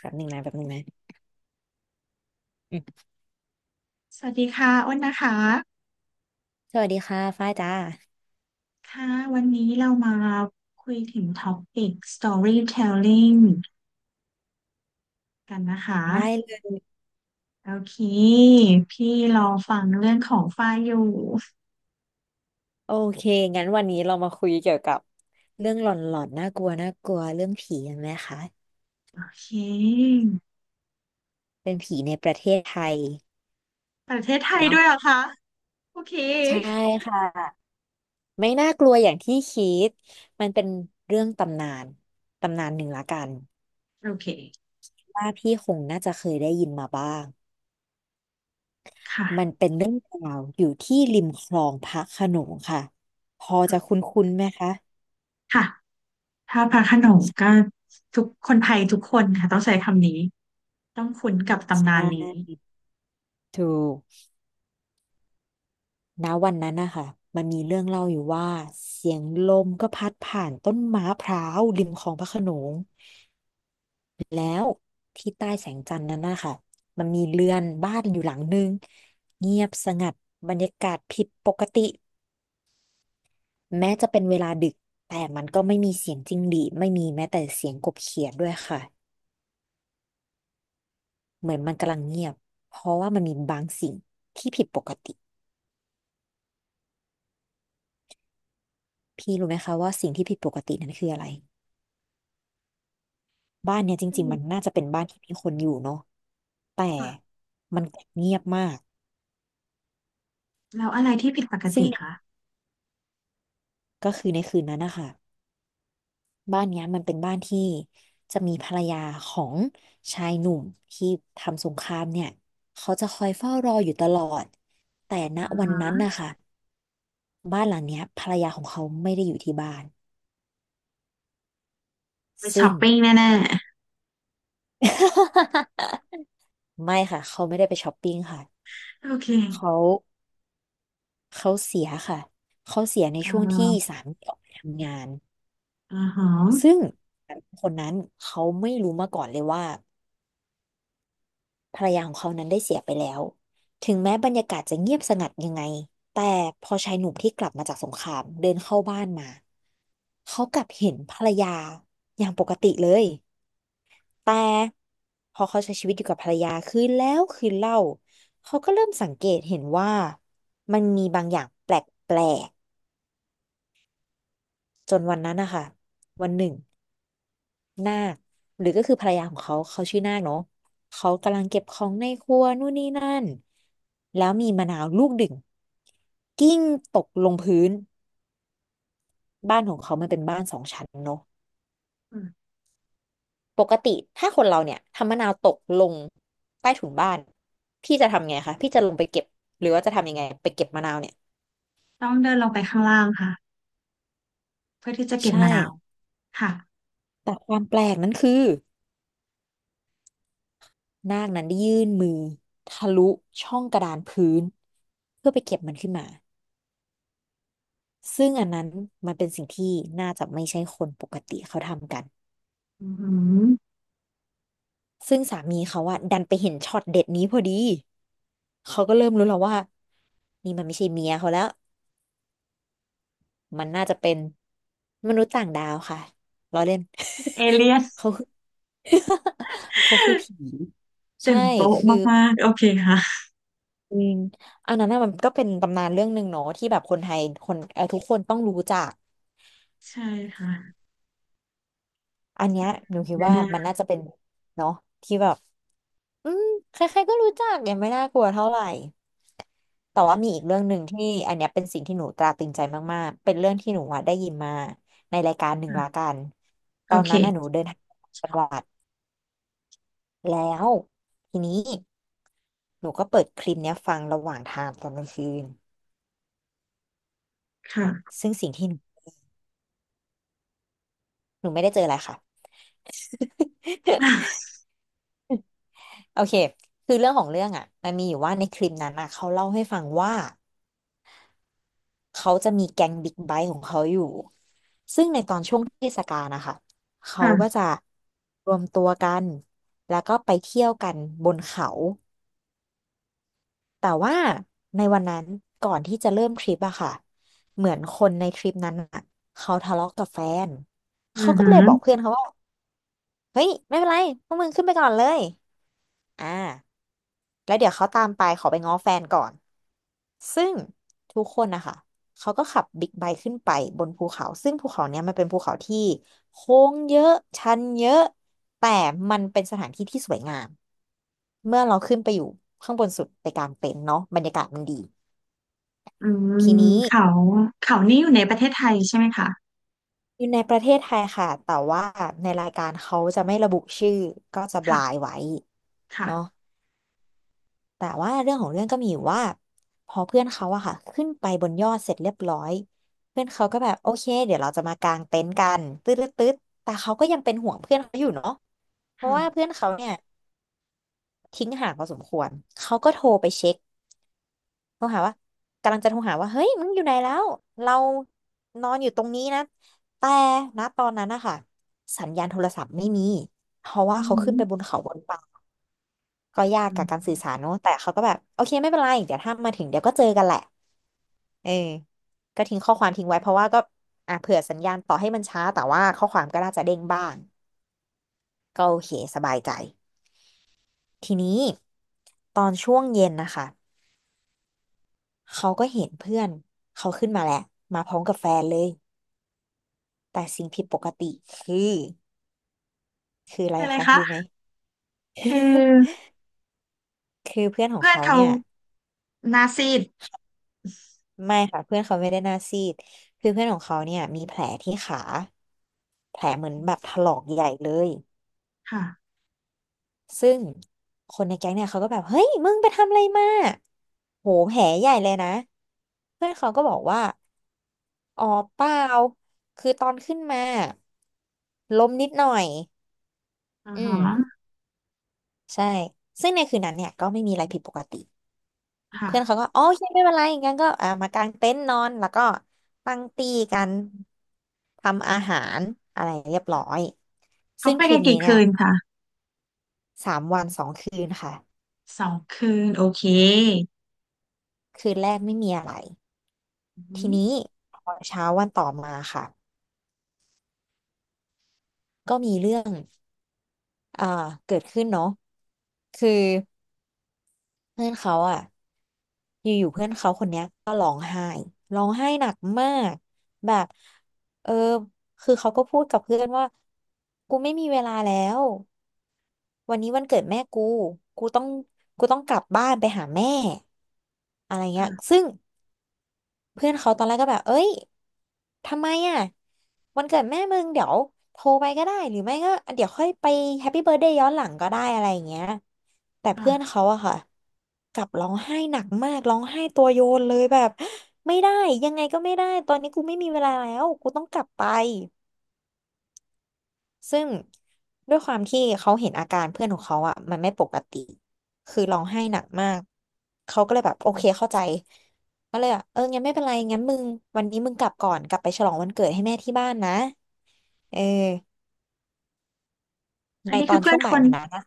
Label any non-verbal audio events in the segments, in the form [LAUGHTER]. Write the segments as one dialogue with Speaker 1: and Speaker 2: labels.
Speaker 1: แบบหนึ่งนะ
Speaker 2: สวัสดีค่ะอ้นนะคะ
Speaker 1: สวัสดีค่ะฝ้ายจ้า
Speaker 2: ค่ะวันนี้เรามาคุยถึงท็อปิก storytelling กันนะคะ
Speaker 1: ได้เลย
Speaker 2: โอเคพี่รอฟังเรื่องของฝ้ายอยู่
Speaker 1: โอเคงั้นวันนี้เรามาคุยเกี่ยวกับเรื่องหลอนๆน่ากลัวเรื่องผีกันไหมคะ
Speaker 2: โอเค
Speaker 1: เป็นผีในประเทศไทย
Speaker 2: ประเทศไทย
Speaker 1: เนาะ
Speaker 2: ด้วยเหรอคะโอเค
Speaker 1: ใช่ค่ะไม่น่ากลัวอย่างที่คิดมันเป็นเรื่องตำนานตำนานหนึ่งละกัน
Speaker 2: โอเค
Speaker 1: ว่าพี่คงน่าจะเคยได้ยินมาบ้างมัน
Speaker 2: ค่ะ
Speaker 1: เป็นเรื่องราวอยู่ที่ริมคลองพระโขนงค่ะพอจะคุ้นๆไหมคะ
Speaker 2: ค่ะถ้าพระโขนงก็ทุกคนไทยทุกคนค่ะต้องใช้คำนี้ต้องคุ้นกับ
Speaker 1: ใช
Speaker 2: ตำนานนี้
Speaker 1: ่ถูก ณวันนั้นนะคะมันมีเรื่องเล่าอยู่ว่าเสียงลมก็พัดผ่านต้นไม้พร้าวริมคลองพระโขนงแล้วที่ใต้แสงจันทร์นั้นนะคะมันมีเรือนบ้านอยู่หลังนึงเงียบสงัดบรรยากาศผิดปกติแม้จะเป็นเวลาดึกแต่มันก็ไม่มีเสียงจิ้งหรีดไม่มีแม้แต่เสียงกบเขียดด้วยค่ะเหมือนมันกำลังเงียบเพราะว่ามันมีบางสิ่งที่ผิดปกติพี่รู้ไหมคะว่าสิ่งที่ผิดปกตินั้นคืออะไร บ้านเนี่ยจ
Speaker 2: อื
Speaker 1: ริงๆมั
Speaker 2: ม
Speaker 1: นน่าจะเป็นบ้านที่มีคนอยู่เนาะแต่
Speaker 2: ค่ะ
Speaker 1: มันเงียบมาก
Speaker 2: แล้วอะไรที่ผิดปก
Speaker 1: ซึ่ง
Speaker 2: ติ
Speaker 1: เนี่ย
Speaker 2: คะ
Speaker 1: ก็คือในคืนนั้นนะคะบ้านเนี้ยมันเป็นบ้านที่จะมีภรรยาของชายหนุ่มที่ทำสงครามเนี่ยเขาจะคอยเฝ้ารออยู่ตลอดแต่ณวันนั้นนะคะบ้านหลังเนี้ยภรรยาของเขาไม่ได้อยู่ที่บ้าน
Speaker 2: ไปช้
Speaker 1: ซึ่
Speaker 2: อ
Speaker 1: ง
Speaker 2: ปปิ้งแน่
Speaker 1: [LAUGHS] ไม่ค่ะเขาไม่ได้ไปช้อปปิ้งค่ะ
Speaker 2: ๆโอเค
Speaker 1: เขาเขาเสียค่ะเขาเสียใน
Speaker 2: เอ่
Speaker 1: ช่วงที่
Speaker 2: อ
Speaker 1: สามีออกไปทำงาน
Speaker 2: อ่าฮะ
Speaker 1: ซึ่งคนนั้นเขาไม่รู้มาก่อนเลยว่าภรรยาของเขานั้นได้เสียไปแล้วถึงแม้บรรยากาศจะเงียบสงัดยังไงแต่พอชายหนุ่มที่กลับมาจากสงครามเดินเข้าบ้านมาเขากลับเห็นภรรยาอย่างปกติเลยแต่พอเขาใช้ชีวิตอยู่กับภรรยาคืนแล้วคืนเล่าเขาก็เริ่มสังเกตเห็นว่ามันมีบางอย่างแปลกๆจนวันนั้นนะคะวันหนึ่ง นาคหรือก็คือภรรยาของเขาเขาชื่อนาคเนาะเขากำลังเก็บของในครัวนู่นนี่นั่นแล้วมีมะนาวลูกดึงกิ้งตกลงพื้นบ้านของเขามันเป็นบ้านสองชั้นเนาะ
Speaker 2: อืม
Speaker 1: ปกติถ้าคนเราเนี่ยทำมะนาวตกลงใต้ถุนบ้านพี่จะทำไงคะพี่จะลงไปเก็บหรือว่าจะทำยังไงไปเก็บมะนาวเนี่ย
Speaker 2: ต้องเดินลงไปข้างล่างค่ะเพื่อที่จะเก็บ
Speaker 1: ใช่
Speaker 2: มะนาวค่ะ
Speaker 1: แต่ความแปลกนั้นคือนาคนั้นได้ยื่นมือทะลุช่องกระดานพื้นเพื่อไปเก็บมันขึ้นมา ซึ่งอันนั้นมันเป็นสิ่งที่น่าจะไม่ใช่คนปกติเขาทำกัน
Speaker 2: อืม
Speaker 1: ซึ่งสามีเขาอะดันไปเห็นช็อตเด็ดนี้พอดีเขาก็เริ่มรู้แล้วว่านี่มันไม่ใช่เมียเขาแล้วมันน่าจะเป็นมนุษย์ต่างดาวค่ะล้อเล่น
Speaker 2: เอเลียส
Speaker 1: [LAUGHS] เขาคือ [LAUGHS] เขาคือผี
Speaker 2: ตื่
Speaker 1: ใช่
Speaker 2: นโต๊ะ
Speaker 1: คือ
Speaker 2: มากๆโอเคค่ะ
Speaker 1: ออันนั้นน่ะมันก็เป็นตำนานเรื่องหนึ่งเนาะที่แบบคนไทยคนทุกคนต้องรู้จัก
Speaker 2: ใช่ค่ะ
Speaker 1: อันเนี้ยหนูคิด
Speaker 2: มะ
Speaker 1: ว่า
Speaker 2: นาว
Speaker 1: มันน่าจะเป็นเนาะที่แบบ อืมใครๆก็รู้จักยังไม่น่ากลัวเท่าไหร่แต่ว่ามีอีกเรื่องหนึ่งที่อันเนี้ยเป็นสิ่งที่หนูตราตรึงใจมากๆเป็นเรื่องที่หนูอะได้ยินมาในรายการหนึ่งละ
Speaker 2: ค่ะ
Speaker 1: กันต
Speaker 2: โอ
Speaker 1: อน
Speaker 2: เค
Speaker 1: นั้นน่ะหนูเดินทางจัง
Speaker 2: ค่
Speaker 1: หวัดแล้วทีนี้หนูก็เปิดคลิปเนี้ยฟังระหว่างทางตอนกลางคืน
Speaker 2: ะ
Speaker 1: ซึ่งสิ่งที่หนูไม่ได้เจออะไรค่ะ [LAUGHS] โอเคคือเรื่องของเรื่องอ่ะมันมีอยู่ว่าในคลิปนั้นอ่ะเขาเล่าให้ฟังว่า เขาจะมีแก๊งบิ๊กไบค์ของเขาอยู่ ซึ่งในตอนช่วงเทศกาลนะคะ เขาก็
Speaker 2: ค่ะ
Speaker 1: จะรวมตัวกัน แล้วก็ไปเที่ยวกันบนเขา แต่ว่าในวันนั้นก่อนที่จะเริ่มทริปอะค่ะ เหมือนคนในทริปนั้นอะเขาทะเลาะกับแฟน
Speaker 2: อื
Speaker 1: เขา
Speaker 2: อ
Speaker 1: ก็
Speaker 2: หื
Speaker 1: เลย
Speaker 2: อ
Speaker 1: บอกเพื่อนเขาว่าเฮ้ยไม่เป็นไรพวกมึงขึ้นไปก่อนเลย อ่า แล้วเดี๋ยวเขาตามไปขอไปง้อแฟนก่อน ซึ่งทุกคนนะคะเขาก็ขับบิ๊กไบค์ขึ้นไปบนภูเขาซึ่งภูเขาเนี้ยมันเป็นภูเขาที่โค้งเยอะชันเยอะแต่มันเป็นสถานที่ที่สวยงามเมื่อเราขึ้นไปอยู่ข้างบนสุดไปกางเต็นท์เนาะบรรยากาศมันดี
Speaker 2: อื
Speaker 1: ที
Speaker 2: ม
Speaker 1: นี้
Speaker 2: เขาเขานี่อยู่ในประเทศไทยใช่ไหมคะ
Speaker 1: อยู่ในประเทศไทยค่ะแต่ว่าในรายการเขาจะไม่ระบุชื่อก็จะบลาย
Speaker 2: ค่ะ
Speaker 1: ไว้เนาะ
Speaker 2: ค่ะ
Speaker 1: แต่ว่าเรื่องของเรื่องก็มีอยู่ว่าพอเพื่อนเขาอะค่ะขึ้นไปบนยอดเสร็จเรียบร้อยเพื่อนเขาก็แบบโอเคเดี๋ยวเราจะมากางเต็นท์กันตืดตืดแต่เขาก็ยังเป็นห่วงเพื่อนเขาอยู่เนาะเพราะ
Speaker 2: ค่ะ
Speaker 1: ว่าเพื่อนเขาเนี่ยทิ้งห่างพอสมควรเขาก็โทรไปเช็คโทรหาว่ากำลังจะโทรหาว่าเฮ้ยมึงอยู่ไหนแล้วเรานอนอยู่ตรงนี้นะแต่ณตอนนั้นนะคะสัญญาณโทรศัพท์ไม่มีเพราะว่า
Speaker 2: อือ
Speaker 1: เขา
Speaker 2: หื
Speaker 1: ขึ้
Speaker 2: อ
Speaker 1: นไปบนเขาบนป่าก็ยาก
Speaker 2: ื
Speaker 1: กับ
Speaker 2: ม
Speaker 1: การสื่อสารเนอะแต่เขาก็แบบโอเคไม่เป็นไรเดี๋ยวถ้ามาถึงเดี๋ยวก็เจอกันแหละ เออก็ทิ้งข้อความทิ้งไว้เพราะว่าก็อ่ะเผื่อสัญญาณต่อให้มันช้าแต่ว่าข้อความก็น่าจะเด้งบ้างก็โอเคสบายใจทีนี้ตอนช่วงเย็นนะคะเขาก็เห็นเพื่อนเขาขึ้นมาแหละมาพร้อมกับแฟนเลยแต่สิ่งผิดปกติคือคืออะไร
Speaker 2: เป็นอะไร
Speaker 1: คะรู้ไห
Speaker 2: คะ
Speaker 1: ม
Speaker 2: คือ
Speaker 1: [LAUGHS] คือเพื่อนของ
Speaker 2: เพื่อน
Speaker 1: เขา
Speaker 2: เขา
Speaker 1: เนี่ย
Speaker 2: หน้าซีด
Speaker 1: ไม่ค่ะเพื่อนเขาไม่ได้หน้าซีดคือเพื่อนของเขาเนี่ยมีแผลที่ขาแผล
Speaker 2: อืมค่ะ
Speaker 1: ซึ่งคนในแก๊งเนี่ยเขาก็แบบเฮ้ยมึงไปทำอะไรมาโหแผลใหญ่เลยนะ เพื่อนเขาก็บอกว่าอ๋อเปล่าคือตอนขึ้นมาล้มนิดหน่อย
Speaker 2: อ่า
Speaker 1: อืม
Speaker 2: ฮะ
Speaker 1: ใช่ซึ่งในคืนนั้นเนี่ยก็ไม่มีอะไรผิดปกติ
Speaker 2: ค่ะ
Speaker 1: เพื่อนเขาก็อ๋อโอเคไม่เป็นไรงั้นก็อ่ามากางเต็นท์นอนแล้วก็ตั้งตีกันทำอาหารอะไรเรียบร้อย
Speaker 2: เขา
Speaker 1: ซึ่ง
Speaker 2: ไป
Speaker 1: ทริ
Speaker 2: กั
Speaker 1: ป
Speaker 2: น
Speaker 1: นี้
Speaker 2: กี่
Speaker 1: เนี่ย
Speaker 2: คืนคะ
Speaker 1: 3 วัน2 คืนค่ะ
Speaker 2: สองคืนโอเค
Speaker 1: คืนแรกไม่มีอะไร ที
Speaker 2: อืม
Speaker 1: นี้พอเช้าวันต่อมาค่ะก็มีเรื่องเกิดขึ้นเนาะคือเพื่อนเขาอ่ะอยู่ๆเพื่อนเขาคนเนี้ยร้องไห้หนักมากแบบเออคือเขาก็พูดกับเพื่อนว่ากูไม่มีเวลาแล้ววันนี้วันเกิดแม่กูกูต้องกูต้องกลับบ้านไปหาแม่อะไรเงี้ย
Speaker 2: ค่ะ
Speaker 1: ซึ่ง เพื่อนเขาตอนแรกก็แบบ เอ้ย ทำไมอ่ะ วันเกิดแม่มึงเดี๋ยวโทรไปก็ได้ หรือไม่ก็เดี๋ยวค่อยไปแฮปปี้เบิร์ a y เดย์ย้อนหลังก็ได้อะไรอย่างเงี้ย แต่
Speaker 2: ค่ะ
Speaker 1: เพื่อนเขาอะค่ะ กลับร้องไห้หนักมากร้องไห้ตัวโยนเลยแบบ [GASPS] ไม่ได้ยังไงก็ไม่ได้ ตอนนี้กูไม่มีเวลาแล้ว กูต้องกลับไป ซึ่งด้วยความที่เขาเห็นอาการเพื่อนของเขาอ่ะมันไม่ปกติคือร้องไห้หนักมากเขาก็เลยแบบโอเคเข้าใจก็เลยแบบเอองั้นไม่เป็นไรงั้นมึงวันนี้มึงกลับก่อนกลับไปฉลองวันเกิดให้แม่ที่บ้านนะเออ
Speaker 2: อั
Speaker 1: ใน
Speaker 2: นนี้
Speaker 1: ต
Speaker 2: คื
Speaker 1: อ
Speaker 2: อ
Speaker 1: น
Speaker 2: เพื่
Speaker 1: ช่
Speaker 2: อ
Speaker 1: ว
Speaker 2: น
Speaker 1: ง
Speaker 2: ค
Speaker 1: บ่าย
Speaker 2: น
Speaker 1: วันนั้นนะ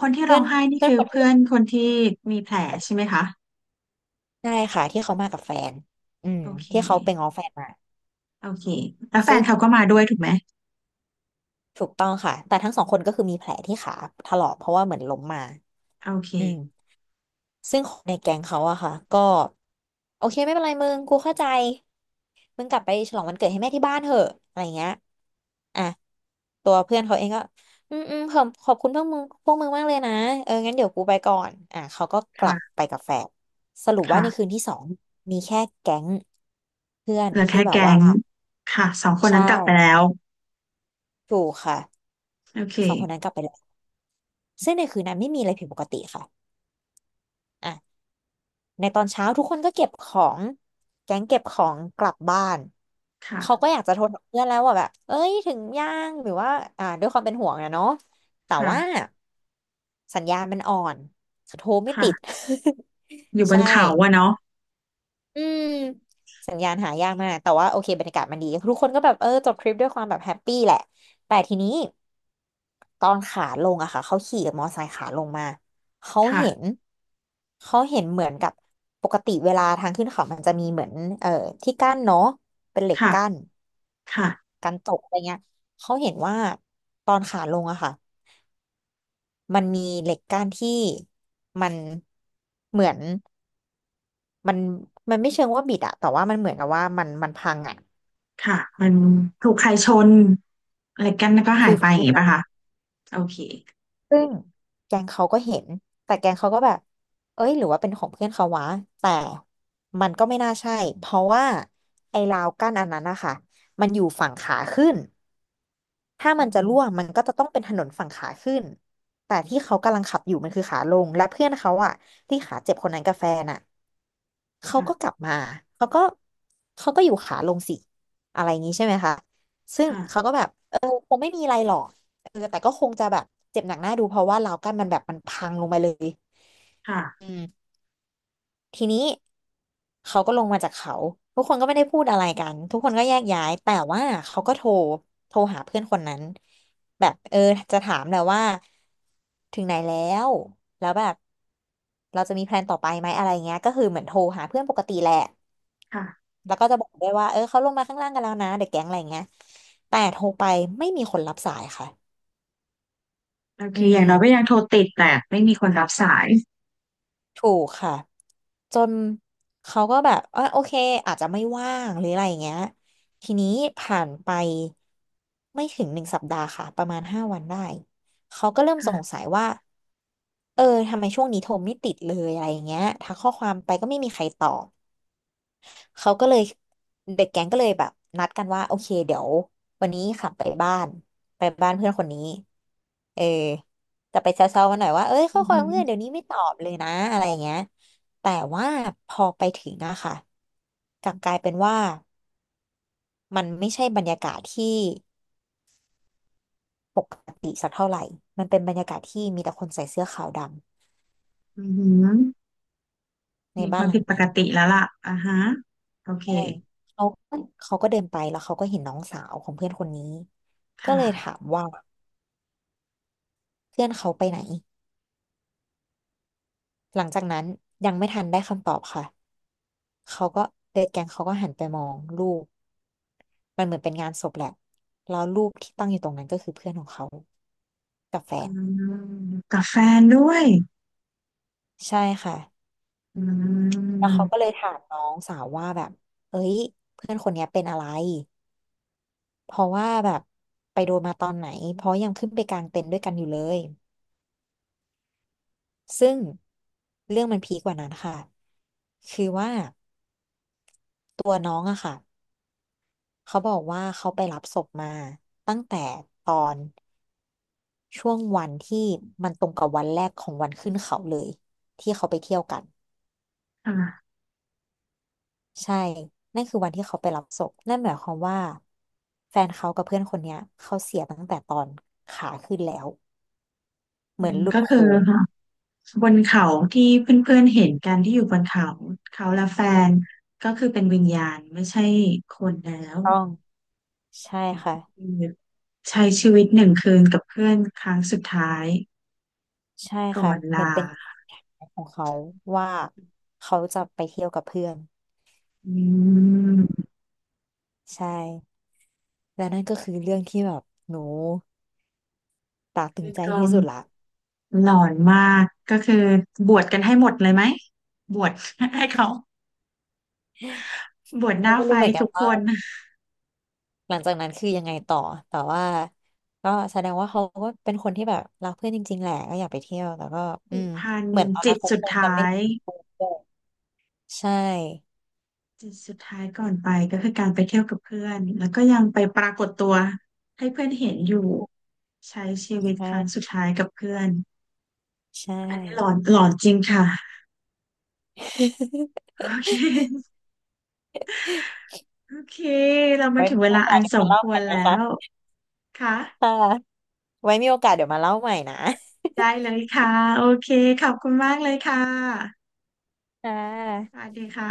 Speaker 2: คนที่
Speaker 1: เพื่
Speaker 2: ร้อ
Speaker 1: อ
Speaker 2: ง
Speaker 1: น
Speaker 2: ไห้นี่
Speaker 1: เพื่อน
Speaker 2: คือ
Speaker 1: คนที่
Speaker 2: เพื่อนคนที่มีแผลใช่ไหมคะ
Speaker 1: ใช่ค่ะที่เขามากับแฟนอืม
Speaker 2: โอเค
Speaker 1: ที่เขาไปง้อแฟนมา
Speaker 2: โอเคแล้วแฟ
Speaker 1: ซึ่
Speaker 2: น
Speaker 1: ง
Speaker 2: เขาก็มาด้วยถูกไหม
Speaker 1: ถูกต้องค่ะแต่ทั้งสองคนก็คือมีแผลที่ขาถลอกเพราะว่าเหมือนล้มมา
Speaker 2: โอเค
Speaker 1: อืมซึ่งคนในแก๊งเขาอะค่ะก็โอเคไม่เป็นไรมึงกูเข้าใจ มึงกลับไปฉลองวันเกิดให้แม่ที่บ้านเถอะอะไรเงี้ยอ่ะตัวเพื่อนเขาเองก็ อืมอืมขอบคุณพวกมึงมากเลยนะ เอองั้นเดี๋ยวกูไปก่อนอ่ะเขาก็กลับ
Speaker 2: ค่ะ
Speaker 1: ไปกับแฟนสรุปว่า
Speaker 2: ค่ะ
Speaker 1: ในคืนที่สองมีแค่แก๊งเพื่อน
Speaker 2: เหลือ
Speaker 1: ที่
Speaker 2: แค่
Speaker 1: แบบ
Speaker 2: แก๊
Speaker 1: ว่า
Speaker 2: งค่ะสองคน
Speaker 1: ใช่
Speaker 2: นั้นกลับไปแล้ว
Speaker 1: ถูกค่ะ
Speaker 2: โอเค
Speaker 1: สองคนนั้นกลับไปแล้วซึ่งในคืนนั้นไม่มีอะไรผิดปกติค่ะ ในตอนเช้าทุกคนก็เก็บของแก๊งเก็บของกลับบ้านเขา
Speaker 2: ค่ะ
Speaker 1: ก็อยากจะโทรหาเพื่อนแล้วว่าแบบเอ้ยถึงยังหรือว่าอ่าด้วยความเป็นห่วงนะเนาะแต่ว่า
Speaker 2: ค่ะ
Speaker 1: สัญญาณมันอ่อนโทรไม่ติด
Speaker 2: ค่ะอยู่
Speaker 1: [LAUGHS]
Speaker 2: บน
Speaker 1: ใช่
Speaker 2: เขาอะเนาะ
Speaker 1: อืมสัญญาณหายากมากแต่ว่าโอเคบรรยากาศมันดีทุกคนก็แบบเออจบทริปด้วยความแบบแฮปปี้แหละแต่ทีนี้ ตอนขาลงอะค่ะเขาขี่มอไซค์ขาลงมาเขาเห็น
Speaker 2: ค่ะ
Speaker 1: เขาเห็นเหมือนกับปกติเวลาทางขึ้นเขามันจะมีเหมือนเอ่อที่กั้นเนาะเป็นเหล็กกั้
Speaker 2: ค่ะ
Speaker 1: น
Speaker 2: ค่ะ
Speaker 1: กันตกอะไรเงี้ยเขาเห็นว่าตอนขาลงอะค่ะมันมีเหล็กกั้นที่มันเหมือนมันไม่เชิงว่าบิดอะแต่ว่ามันเหมือนกับว่ามันพังอะ
Speaker 2: ค่ะ มันถูกใครชนอะไรกันแล้วก็หา
Speaker 1: ฟิ
Speaker 2: ย
Speaker 1: ล
Speaker 2: ไปอ
Speaker 1: ฟิ
Speaker 2: ย่าง
Speaker 1: ล
Speaker 2: งี้ป่ะคะโอเค
Speaker 1: ซึ่งแกงเขาก็เห็นแต่แกงเขาก็แบบเอ้ยหรือว่าเป็นของเพื่อนเขาวะแต่มันก็ไม่น่าใช่ เพราะว่าไอ้ราวกั้นอันนั้นนะคะมันอยู่ฝั่งขาขึ้นถ้า
Speaker 2: อื
Speaker 1: มันจะร่วง
Speaker 2: ม
Speaker 1: มันก็จะต้องเป็นถนนฝั่งขาขึ้นแต่ที่เขากำลังขับอยู่มันคือขาลงและเพื่อนเขาอะที่ขาเจ็บคนนั้นกับแฟนอะ เขาก็กลั
Speaker 2: ค่ะ
Speaker 1: บมา เขาก็ เขาก็อยู่ขาลงสิ อะไรอย่างนี้ใช่ไหมคะ ซึ่ง
Speaker 2: ค่ะ
Speaker 1: เขาก็แบบ เออคงไม่มีอะไรหรอกเออแต่ก็คงจะแบบ เจ็บหนักหน้าดูเพราะว่าล้าวกั้นมันแบบมันพังลงไปเลยอืม ทีนี้เขาก็ลงมาจากเขาทุกคนก็ไม่ได้พูดอะไรกันทุกคนก็แยกย้ายแต่ว่าเขาก็โทรหาเพื่อนคนนั้นแบบเออจะถามแหละว่าถึงไหนแล้วแล้วแบบเราจะมีแพลนต่อไปไหมอะไรเงี้ยก็คือเหมือนโทรหาเพื่อนปกติแหละ
Speaker 2: ค่ะ
Speaker 1: แล้วก็จะบอกด้วยว่าเออเขาลงมาข้างล่างกันแล้วนะเด็กแก๊งอะไรเงี้ยแต่โทรไปไม่มีคนรับสายค่ะ
Speaker 2: โอเค
Speaker 1: อื
Speaker 2: อ
Speaker 1: ม
Speaker 2: ย่างน้อยก็ยังโทรติดแต่ไม่มีคนรับสาย
Speaker 1: ถูกค่ะจนเขาก็แบบอ่ะโอเคอาจจะไม่ว่างหรืออะไรอย่างเงี้ยทีนี้ผ่านไปไม่ถึงหนึ่งสัปดาห์ค่ะประมาณห้าวันได้เขาก็เริ่มสง
Speaker 2: ค่ะ
Speaker 1: สัยว่าเออทำไมช่วงนี้โทรไม่ติดเลยอะไรอย่างเงี้ยทักข้อความไปก็ไม่มีใครตอบ เขาก็เลยเด็กแก๊งก็เลยแบบนัดกันว่าโอเคเดี๋ยววันนี้ขับไปบ้านไปบ้านเพื่อนคนนี้เออจะไปแซวๆมันหน่อยว่าเอ้ยข้
Speaker 2: อื
Speaker 1: อ
Speaker 2: อ
Speaker 1: ควา
Speaker 2: หื
Speaker 1: ม
Speaker 2: อ
Speaker 1: เพื่อนเดี๋ยวนี้ไม่ตอบเลยนะอะไรอย่างเงี้ยแต่ว่าพอไปถึงอะค่ะกลับกลายเป็นว่ามันไม่ใช่บรรยากาศที่ปกติสักเท่าไหร่มันเป็นบรรยากาศที่มีแต่คนใส่เสื้อขาวด
Speaker 2: อือหือ
Speaker 1: ำใน
Speaker 2: มีค
Speaker 1: บ้าน
Speaker 2: วาม
Speaker 1: หลั
Speaker 2: ผิ
Speaker 1: ง
Speaker 2: ดป
Speaker 1: นั้
Speaker 2: ก
Speaker 1: น
Speaker 2: ติแล้วล่ะอ่าฮะ โอเค
Speaker 1: ใช่เขาเขาก็เดินไปแล้วเขาก็เห็นน้องสาวของเพื่อนคนนี้ก็
Speaker 2: ค่ะ
Speaker 1: เลยถามว่า เพื่อนเขาไปไหนหลังจากนั้นยังไม่ทันได้คำตอบค่ะเขาก็เดดแกงเขาก็หันไปมองรูปมันเหมือนเป็นงานศพแหละแล้วรูปที่ตั้งอยู่ตรงนั้นก็คือเพื่อนของเขากับแฟ
Speaker 2: อื
Speaker 1: น
Speaker 2: มกับแฟนด้วย
Speaker 1: ใช่ค่ะ
Speaker 2: อื
Speaker 1: แล้ว
Speaker 2: ม
Speaker 1: เขาก็เลยถามน้องสาวว่าแบบเอ้ยเพื่อนคนเนี้ยเป็นอะไรเพราะว่าแบบไปโดนมาตอนไหนเพราะยังขึ้นไปกลางเต็นท์ด้วยกันอยู่เลยซึ่งเรื่องมันพีคกว่านั้นค่ะคือว่าตัวน้องอะค่ะ เขาบอกว่าเขาไปรับศพมาตั้งแต่ตอนช่วงวันที่มันตรงกับวันแรกของวันขึ้นเขาเลยที่เขาไปเที่ยวกัน
Speaker 2: ค่ะ
Speaker 1: ใช่ นั่นคือวันที่เขาไปรับศพนั่นหมายความว่าแฟนเขากับเพื่อนคนเนี้ยเขาเสียตั้งแต่ตอนขาขึ้นแล้วเห
Speaker 2: อื
Speaker 1: มือน
Speaker 2: ม
Speaker 1: หลุด
Speaker 2: ก็คือ
Speaker 1: โค้ง
Speaker 2: คบนเขาที่เพื่อนๆเห็นกันที่อยู่บนเขาเขาและแฟนก็คือเป็นวิญญาณไม่ใช่คนแล้ว
Speaker 1: ต้องใช่ค่ะ
Speaker 2: คือใช้ชีวิต1 คืนกับเพื่อนครั้งสุดท้าย
Speaker 1: ใช่
Speaker 2: ก่อ
Speaker 1: ค่ะ
Speaker 2: น
Speaker 1: เหมือน
Speaker 2: ลา
Speaker 1: เป็นแผนของเขาว่าเขาจะไปเที่ยวกับเพื่อน
Speaker 2: อืม
Speaker 1: ใช่และนั่นก็คือเรื่องที่แบบหนูตราตรึงใจ
Speaker 2: กอง
Speaker 1: ที่สุดละ
Speaker 2: หลอนมากก็คือบวชกันให้หมดเลยไหมบวช [LAUGHS] ให้เขาบวชห
Speaker 1: เรา
Speaker 2: น้า
Speaker 1: ไม่
Speaker 2: ไฟ
Speaker 1: รู้เหมือนกัน
Speaker 2: ทุกค
Speaker 1: ว่า
Speaker 2: น
Speaker 1: หลังจากนั้นคือยังไงต่อแต่ว่าก็แสดงว่าเขาก็เป็นคนที่แบบรักเพื่อนจริงๆแหละก็อยากไปเที่ยวแต่ก็อื
Speaker 2: ผูก
Speaker 1: ม
Speaker 2: พัน
Speaker 1: เหมือนตอน
Speaker 2: จิ
Speaker 1: นั้
Speaker 2: ต
Speaker 1: นเขา
Speaker 2: สุ
Speaker 1: ค
Speaker 2: ด
Speaker 1: งจะ
Speaker 2: ท้า
Speaker 1: ไม่ได้
Speaker 2: ย
Speaker 1: พูดด้วยใช่
Speaker 2: จิตสุดท้ายก่อนไปก็คือการไปเที่ยวกับเพื่อนแล้วก็ยังไปปรากฏตัวให้เพื่อนเห็นอยู่ใช้ชี
Speaker 1: ใ
Speaker 2: วิตครั้งสุ
Speaker 1: ช่
Speaker 2: ดท้ายกับเพื่อน
Speaker 1: ใช่
Speaker 2: อันนี้หลอนหลอนจริงค่ะโอเคโอเคเรามา
Speaker 1: ไว้
Speaker 2: ถึง
Speaker 1: มี
Speaker 2: เว
Speaker 1: โอ
Speaker 2: ลา
Speaker 1: กา
Speaker 2: อั
Speaker 1: ส
Speaker 2: น
Speaker 1: เดี๋ยว
Speaker 2: ส
Speaker 1: มา
Speaker 2: ม
Speaker 1: เล่า
Speaker 2: ค
Speaker 1: ให
Speaker 2: ว
Speaker 1: ม่
Speaker 2: รแล้
Speaker 1: นะ
Speaker 2: ว
Speaker 1: คะ
Speaker 2: ค่ะ
Speaker 1: ค่ะไว้มีโอกาสเดี๋ยวมาเล่าใหม่นะ
Speaker 2: ได้เลยค่ะโอเคขอบคุณมากเลยค่ะ
Speaker 1: ค่ะ
Speaker 2: สวัสดีค่ะ